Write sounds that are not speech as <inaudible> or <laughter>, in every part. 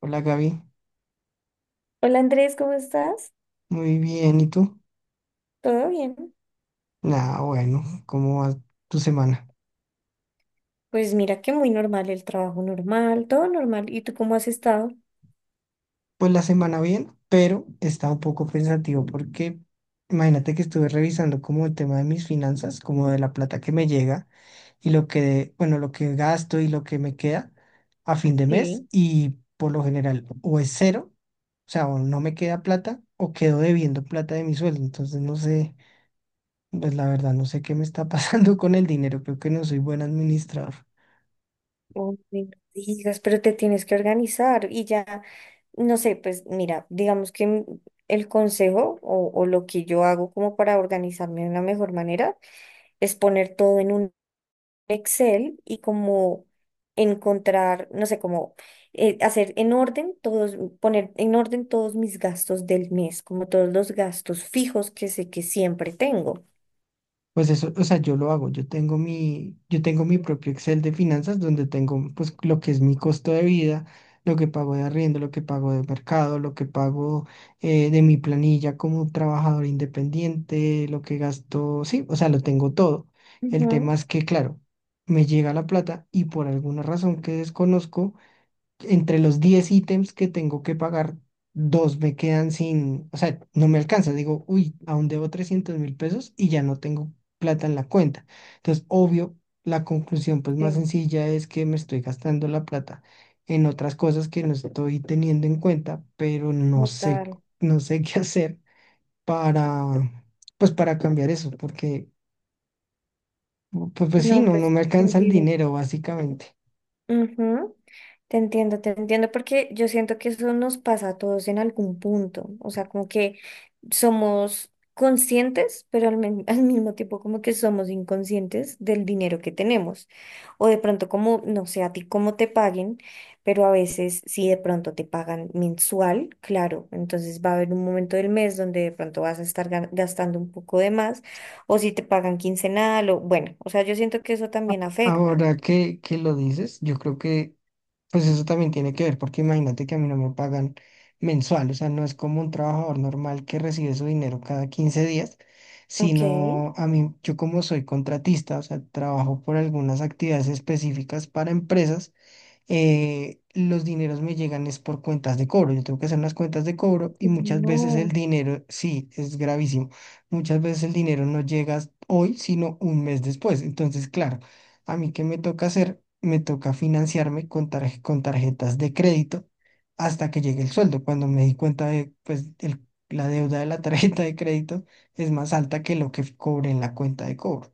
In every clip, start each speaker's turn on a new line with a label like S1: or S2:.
S1: Hola Gaby,
S2: Hola Andrés, ¿cómo estás?
S1: muy bien, ¿y tú?
S2: ¿Todo bien?
S1: Nada, bueno, ¿cómo va tu semana?
S2: Pues mira que muy normal el trabajo normal, todo normal. ¿Y tú cómo has estado?
S1: Pues la semana bien, pero está un poco pensativo porque imagínate que estuve revisando como el tema de mis finanzas, como de la plata que me llega y lo que, bueno, lo que gasto y lo que me queda a fin de mes
S2: Sí.
S1: y por lo general o es cero, o sea, o no me queda plata o quedo debiendo plata de mi sueldo, entonces no sé, pues la verdad no sé qué me está <laughs> pasando con el dinero, creo que no soy buen administrador.
S2: Oh, no digas, pero te tienes que organizar y ya, no sé, pues mira, digamos que el consejo o lo que yo hago como para organizarme de una mejor manera es poner todo en un Excel y como encontrar, no sé, como hacer en orden todos, poner en orden todos mis gastos del mes, como todos los gastos fijos que sé que siempre tengo.
S1: Pues eso, o sea, yo lo hago, yo tengo mi propio Excel de finanzas donde tengo pues lo que es mi costo de vida, lo que pago de arriendo, lo que pago de mercado, lo que pago de mi planilla como trabajador independiente, lo que gasto, sí, o sea, lo tengo todo. El tema
S2: Ujú.
S1: es que, claro, me llega la plata y por alguna razón que desconozco, entre los 10 ítems que tengo que pagar, dos me quedan sin, o sea, no me alcanza. Digo, uy, aún debo 300.000 pesos y ya no tengo plata en la cuenta. Entonces, obvio, la conclusión pues más
S2: Sí,
S1: sencilla es que me estoy gastando la plata en otras cosas que no estoy teniendo en cuenta, pero no sé,
S2: total.
S1: no sé <laughs> qué hacer para, pues para cambiar eso, porque pues, pues sí,
S2: No,
S1: no, no
S2: pues,
S1: me alcanza el
S2: sentido.
S1: dinero básicamente.
S2: Ujú. Te entiendo, porque yo siento que eso nos pasa a todos en algún punto. O sea, como que somos conscientes, pero <laughs> al mismo tiempo como que somos inconscientes del dinero que tenemos. O de pronto como, no sé, a ti cómo te paguen, pero a veces si de pronto te pagan mensual, claro, entonces va a haber un momento del mes donde de pronto vas a estar gastando un poco de más, o si te pagan quincenal, o bueno, o sea, yo siento que eso también afecta.
S1: Ahora que lo dices, yo creo que pues eso también tiene que ver, porque imagínate que a mí no me pagan mensual, o sea, no es como un trabajador normal que recibe su dinero cada 15 días,
S2: Ok.
S1: sino a mí, yo como soy contratista, o sea, trabajo por algunas actividades específicas para empresas, los dineros me llegan es por cuentas de cobro. Yo tengo que hacer unas cuentas de cobro y muchas veces el
S2: No,
S1: dinero, sí, es gravísimo. Muchas veces el dinero no llega hoy, sino un mes después. Entonces, claro, a mí qué me toca hacer, me toca financiarme con tarjetas de crédito hasta que llegue el sueldo. Cuando me di cuenta de, pues, la deuda de la <laughs> tarjeta de crédito es más alta que lo que cobré en la cuenta de cobro.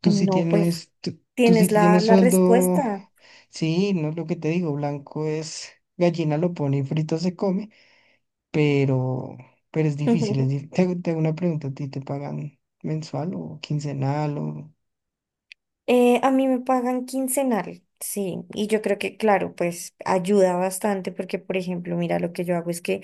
S1: Tú sí
S2: no, pues
S1: tienes, tú, tú sí
S2: tienes la,
S1: tienes
S2: la
S1: sueldo.
S2: respuesta.
S1: Sí, no es lo que te digo, blanco es gallina lo pone y frito se come, pero, pero es difícil. Es
S2: <laughs>
S1: dif- Te, te hago una pregunta, ¿a ti te pagan mensual o quincenal o...?
S2: A mí me pagan quincenal, sí, y yo creo que, claro, pues ayuda bastante porque, por ejemplo, mira, lo que yo hago es que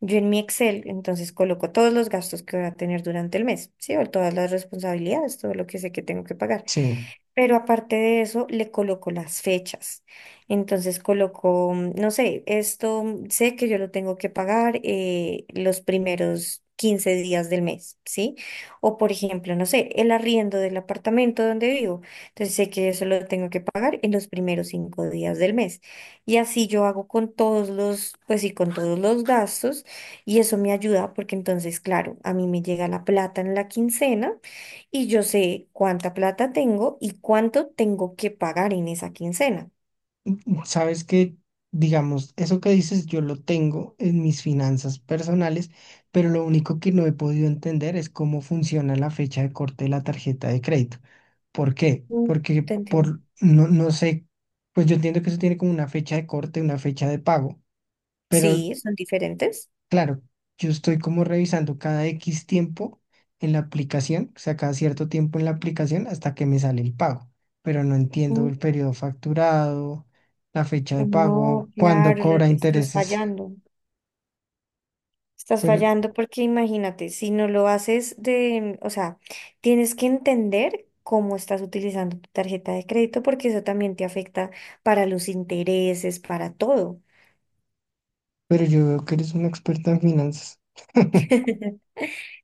S2: yo en mi Excel, entonces coloco todos los gastos que voy a tener durante el mes, sí, o todas las responsabilidades, todo lo que sé que tengo que pagar.
S1: Sí,
S2: Pero aparte de eso, le coloco las fechas. Entonces coloco, no sé, esto, sé que yo lo tengo que pagar los primeros 15 días del mes, ¿sí? O por ejemplo, no sé, el arriendo del apartamento donde vivo. Entonces sé que eso lo tengo que pagar en los primeros 5 días del mes. Y así yo hago con todos los, pues sí, con todos los gastos. Y eso me ayuda porque entonces, claro, a mí me llega la plata en la quincena y yo sé cuánta plata tengo y cuánto tengo que pagar en esa quincena.
S1: sabes que, digamos, eso que dices yo lo tengo en mis finanzas personales, pero lo único que no he podido entender es cómo funciona la fecha de corte de la tarjeta de crédito. ¿Por qué?
S2: Mm,
S1: Porque
S2: Te entiendo.
S1: por, no, no sé, pues yo entiendo que eso tiene como una fecha de corte, una fecha de pago. Pero,
S2: Sí, son diferentes.
S1: claro, yo estoy como revisando cada X tiempo en la aplicación, o sea, cada cierto tiempo en la aplicación hasta que me sale el pago, pero no entiendo
S2: Mm,
S1: el periodo facturado, la fecha de
S2: No,
S1: pago, cuándo
S2: claro,
S1: cobra
S2: estás
S1: intereses,
S2: fallando. Estás
S1: pero,
S2: fallando porque imagínate, si no lo haces de, o sea, tienes que entender cómo estás utilizando tu tarjeta de crédito porque eso también te afecta para los intereses, para todo.
S1: pero yo veo que eres una experta en finanzas. <laughs>
S2: <laughs>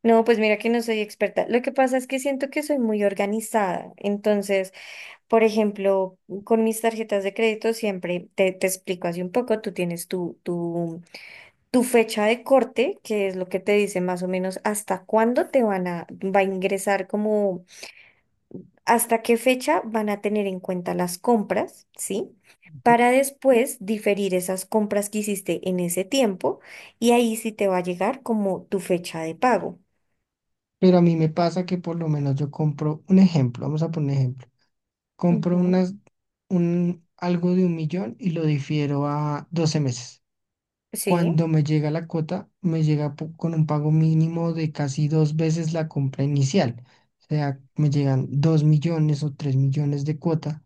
S2: No, pues mira que no soy experta. Lo que pasa es que siento que soy muy organizada. Entonces, por ejemplo, con mis tarjetas de crédito siempre te explico así un poco, tú tienes tu fecha de corte, que es lo que te dice más o menos hasta cuándo te van a, va a ingresar como, hasta qué fecha van a tener en cuenta las compras, ¿sí? Para después diferir esas compras que hiciste en ese tiempo y ahí sí te va a llegar como tu fecha de pago.
S1: Pero a mí me pasa que por lo menos yo compro un ejemplo, vamos a poner un ejemplo, compro
S2: Ujú.
S1: algo de 1 millón y lo difiero a 12 meses.
S2: Sí,
S1: Cuando me llega la cuota, me llega con un pago mínimo de casi dos veces la compra inicial. O sea, me llegan 2 millones o 3 millones de cuota.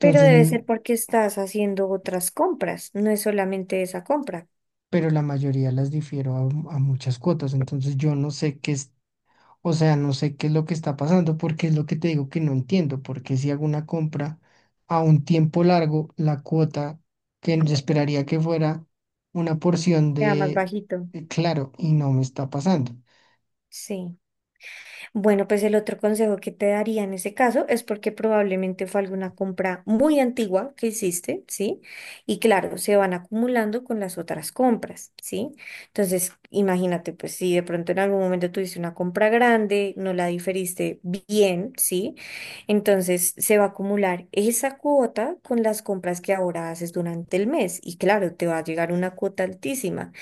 S2: pero debe ser porque estás haciendo otras compras, no es solamente esa compra.
S1: pero la mayoría las difiero a, muchas cuotas. Entonces, yo no sé qué es, o sea, no sé qué es lo que está pasando, porque es lo que te digo que no entiendo. Porque si hago una compra a un tiempo largo, la cuota que yo esperaría que fuera una porción
S2: Sea más
S1: de,
S2: bajito.
S1: claro, y no me está pasando.
S2: Sí. Bueno, pues el otro consejo que te daría en ese caso es porque probablemente fue alguna compra muy antigua que hiciste, ¿sí? Y claro, se van acumulando con las otras compras, ¿sí? Entonces, imagínate, pues si de pronto en algún momento tuviste una compra grande, no la diferiste bien, ¿sí? Entonces se va a acumular esa cuota con las compras que ahora haces durante el mes. Y claro, te va a llegar una cuota altísima.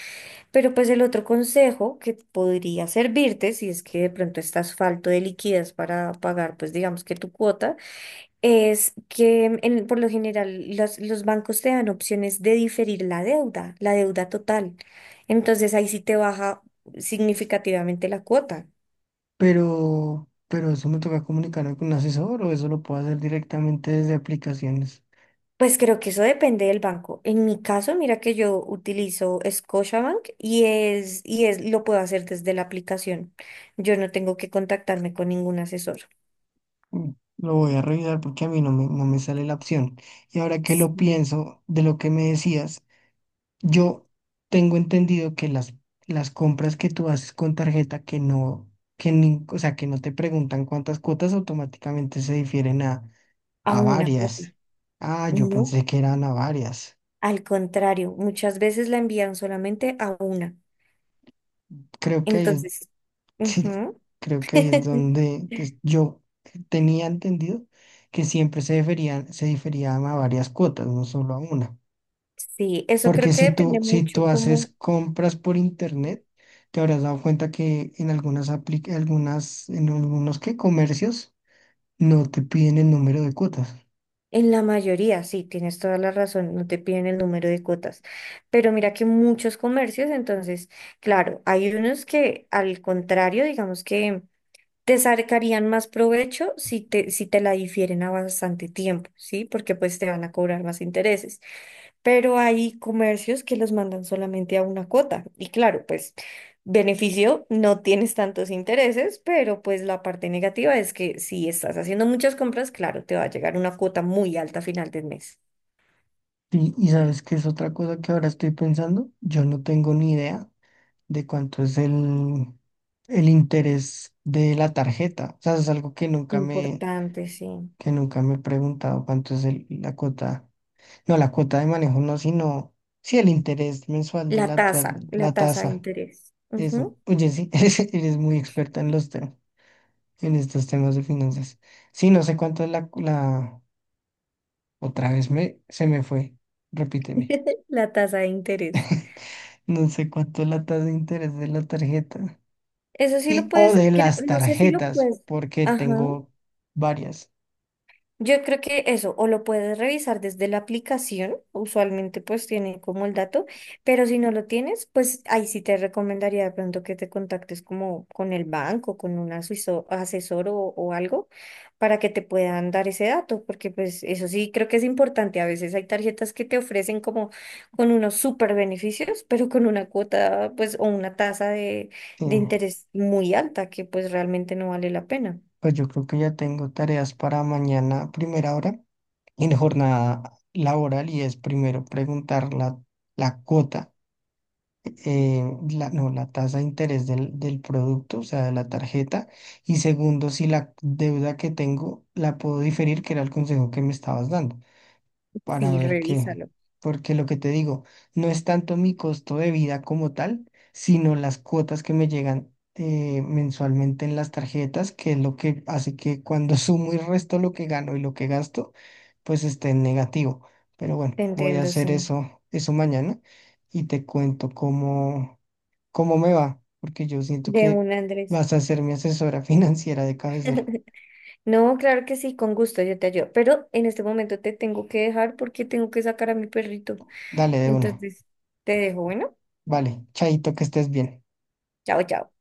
S2: Pero pues el otro consejo que podría servirte, si es que de pronto estás falto de liquidez para pagar, pues digamos que tu cuota, es que por lo general los bancos te dan opciones de diferir la deuda total. Entonces ahí sí te baja significativamente la cuota.
S1: Pero eso me toca comunicarme con un asesor o eso lo puedo hacer directamente desde aplicaciones.
S2: Pues creo que eso depende del banco. En mi caso, mira que yo utilizo Scotiabank lo puedo hacer desde la aplicación. Yo no tengo que contactarme con ningún asesor.
S1: Mm, lo voy a revisar porque a mí no me sale la opción. Y ahora que lo
S2: Sí.
S1: pienso de lo que me decías, yo tengo entendido que las compras que tú haces con tarjeta que no, que o sea, que no te preguntan cuántas cuotas automáticamente se difieren a,
S2: A
S1: a
S2: una cuota.
S1: varias. Ah, yo
S2: No,
S1: pensé que eran a varias.
S2: al contrario, muchas veces la envían solamente a una.
S1: Creo que ahí es
S2: Entonces,
S1: Sí,
S2: ujú.
S1: creo que ahí es
S2: <laughs>
S1: donde yo tenía entendido que siempre se deferían, se diferían a varias cuotas, no solo a una.
S2: Sí, eso creo
S1: Porque
S2: que
S1: si tú,
S2: depende
S1: si
S2: mucho
S1: tú
S2: como
S1: haces compras por internet, te habrás dado cuenta que en algunas apli- algunas, en algunos que comercios no te piden el número de cuotas.
S2: en la mayoría, sí, tienes toda la razón, no te piden el número de cuotas, pero mira que muchos comercios, entonces, claro, hay unos que al contrario, digamos que te sacarían más provecho si te la difieren a bastante tiempo, ¿sí? Porque pues te van a cobrar más intereses. Pero hay comercios que los mandan solamente a una cuota. Y claro, pues beneficio, no tienes tantos intereses, pero pues la parte negativa es que si estás haciendo muchas compras, claro, te va a llegar una cuota muy alta a final del mes.
S1: Y sabes que es otra cosa que ahora estoy pensando, yo no tengo ni idea de cuánto es el interés de la tarjeta. O sea, es algo que nunca me
S2: Importante, sí.
S1: que nunca me he preguntado cuánto es la cuota, no la cuota de manejo, no, sino sí el interés mensual de
S2: La
S1: la
S2: tasa de
S1: tasa.
S2: interés.
S1: Eso,
S2: Ujú.
S1: oye, sí, <laughs> eres muy experta en los temas, en estos temas de finanzas. Sí, no sé cuánto es otra vez se me fue, repíteme.
S2: <laughs> La tasa de interés.
S1: <laughs> No sé cuánto es la tasa de interés de la tarjeta.
S2: Eso sí lo
S1: Y o
S2: puedes,
S1: de
S2: creo-
S1: las
S2: no sé si lo
S1: tarjetas,
S2: puedes.
S1: porque
S2: Ajá.
S1: tengo varias.
S2: Yo creo que eso, o lo puedes revisar desde la aplicación, usualmente pues tiene como el dato, pero si no lo tienes, pues ahí sí te recomendaría de pronto que te contactes como con el banco, con un asesor o algo, para que te puedan dar ese dato, porque pues eso sí creo que es importante. A veces hay tarjetas que te ofrecen como con unos super beneficios, pero con una cuota pues o una tasa
S1: Sí,
S2: de interés muy alta que pues realmente no vale la pena.
S1: pues yo creo que ya tengo tareas para mañana, primera hora. En jornada laboral y es primero preguntar la cuota, eh, la, no, la tasa de interés del producto, o sea, de la tarjeta, y segundo, si la deuda que tengo la puedo diferir, que era el consejo que me estabas dando para
S2: Sí,
S1: ver qué.
S2: revísalo.
S1: Porque lo que te digo, no es tanto mi costo de vida como tal, sino las cuotas que me llegan mensualmente en las tarjetas, que es lo que hace que cuando <laughs> sumo y resto lo que gano y lo que gasto, pues esté en negativo. Pero
S2: Te
S1: bueno, voy a
S2: entiendo,
S1: hacer
S2: sí.
S1: eso, eso mañana y te cuento cómo me va, porque yo siento
S2: De
S1: que
S2: un Andrés.
S1: vas a ser mi asesora <laughs> financiera de cabecera.
S2: No, claro que sí, con gusto, yo te ayudo. Pero en este momento te tengo que dejar porque tengo que sacar a mi perrito.
S1: Dale de una.
S2: Entonces, te dejo, bueno,
S1: Vale, chaito, que estés bien.
S2: chao, chao.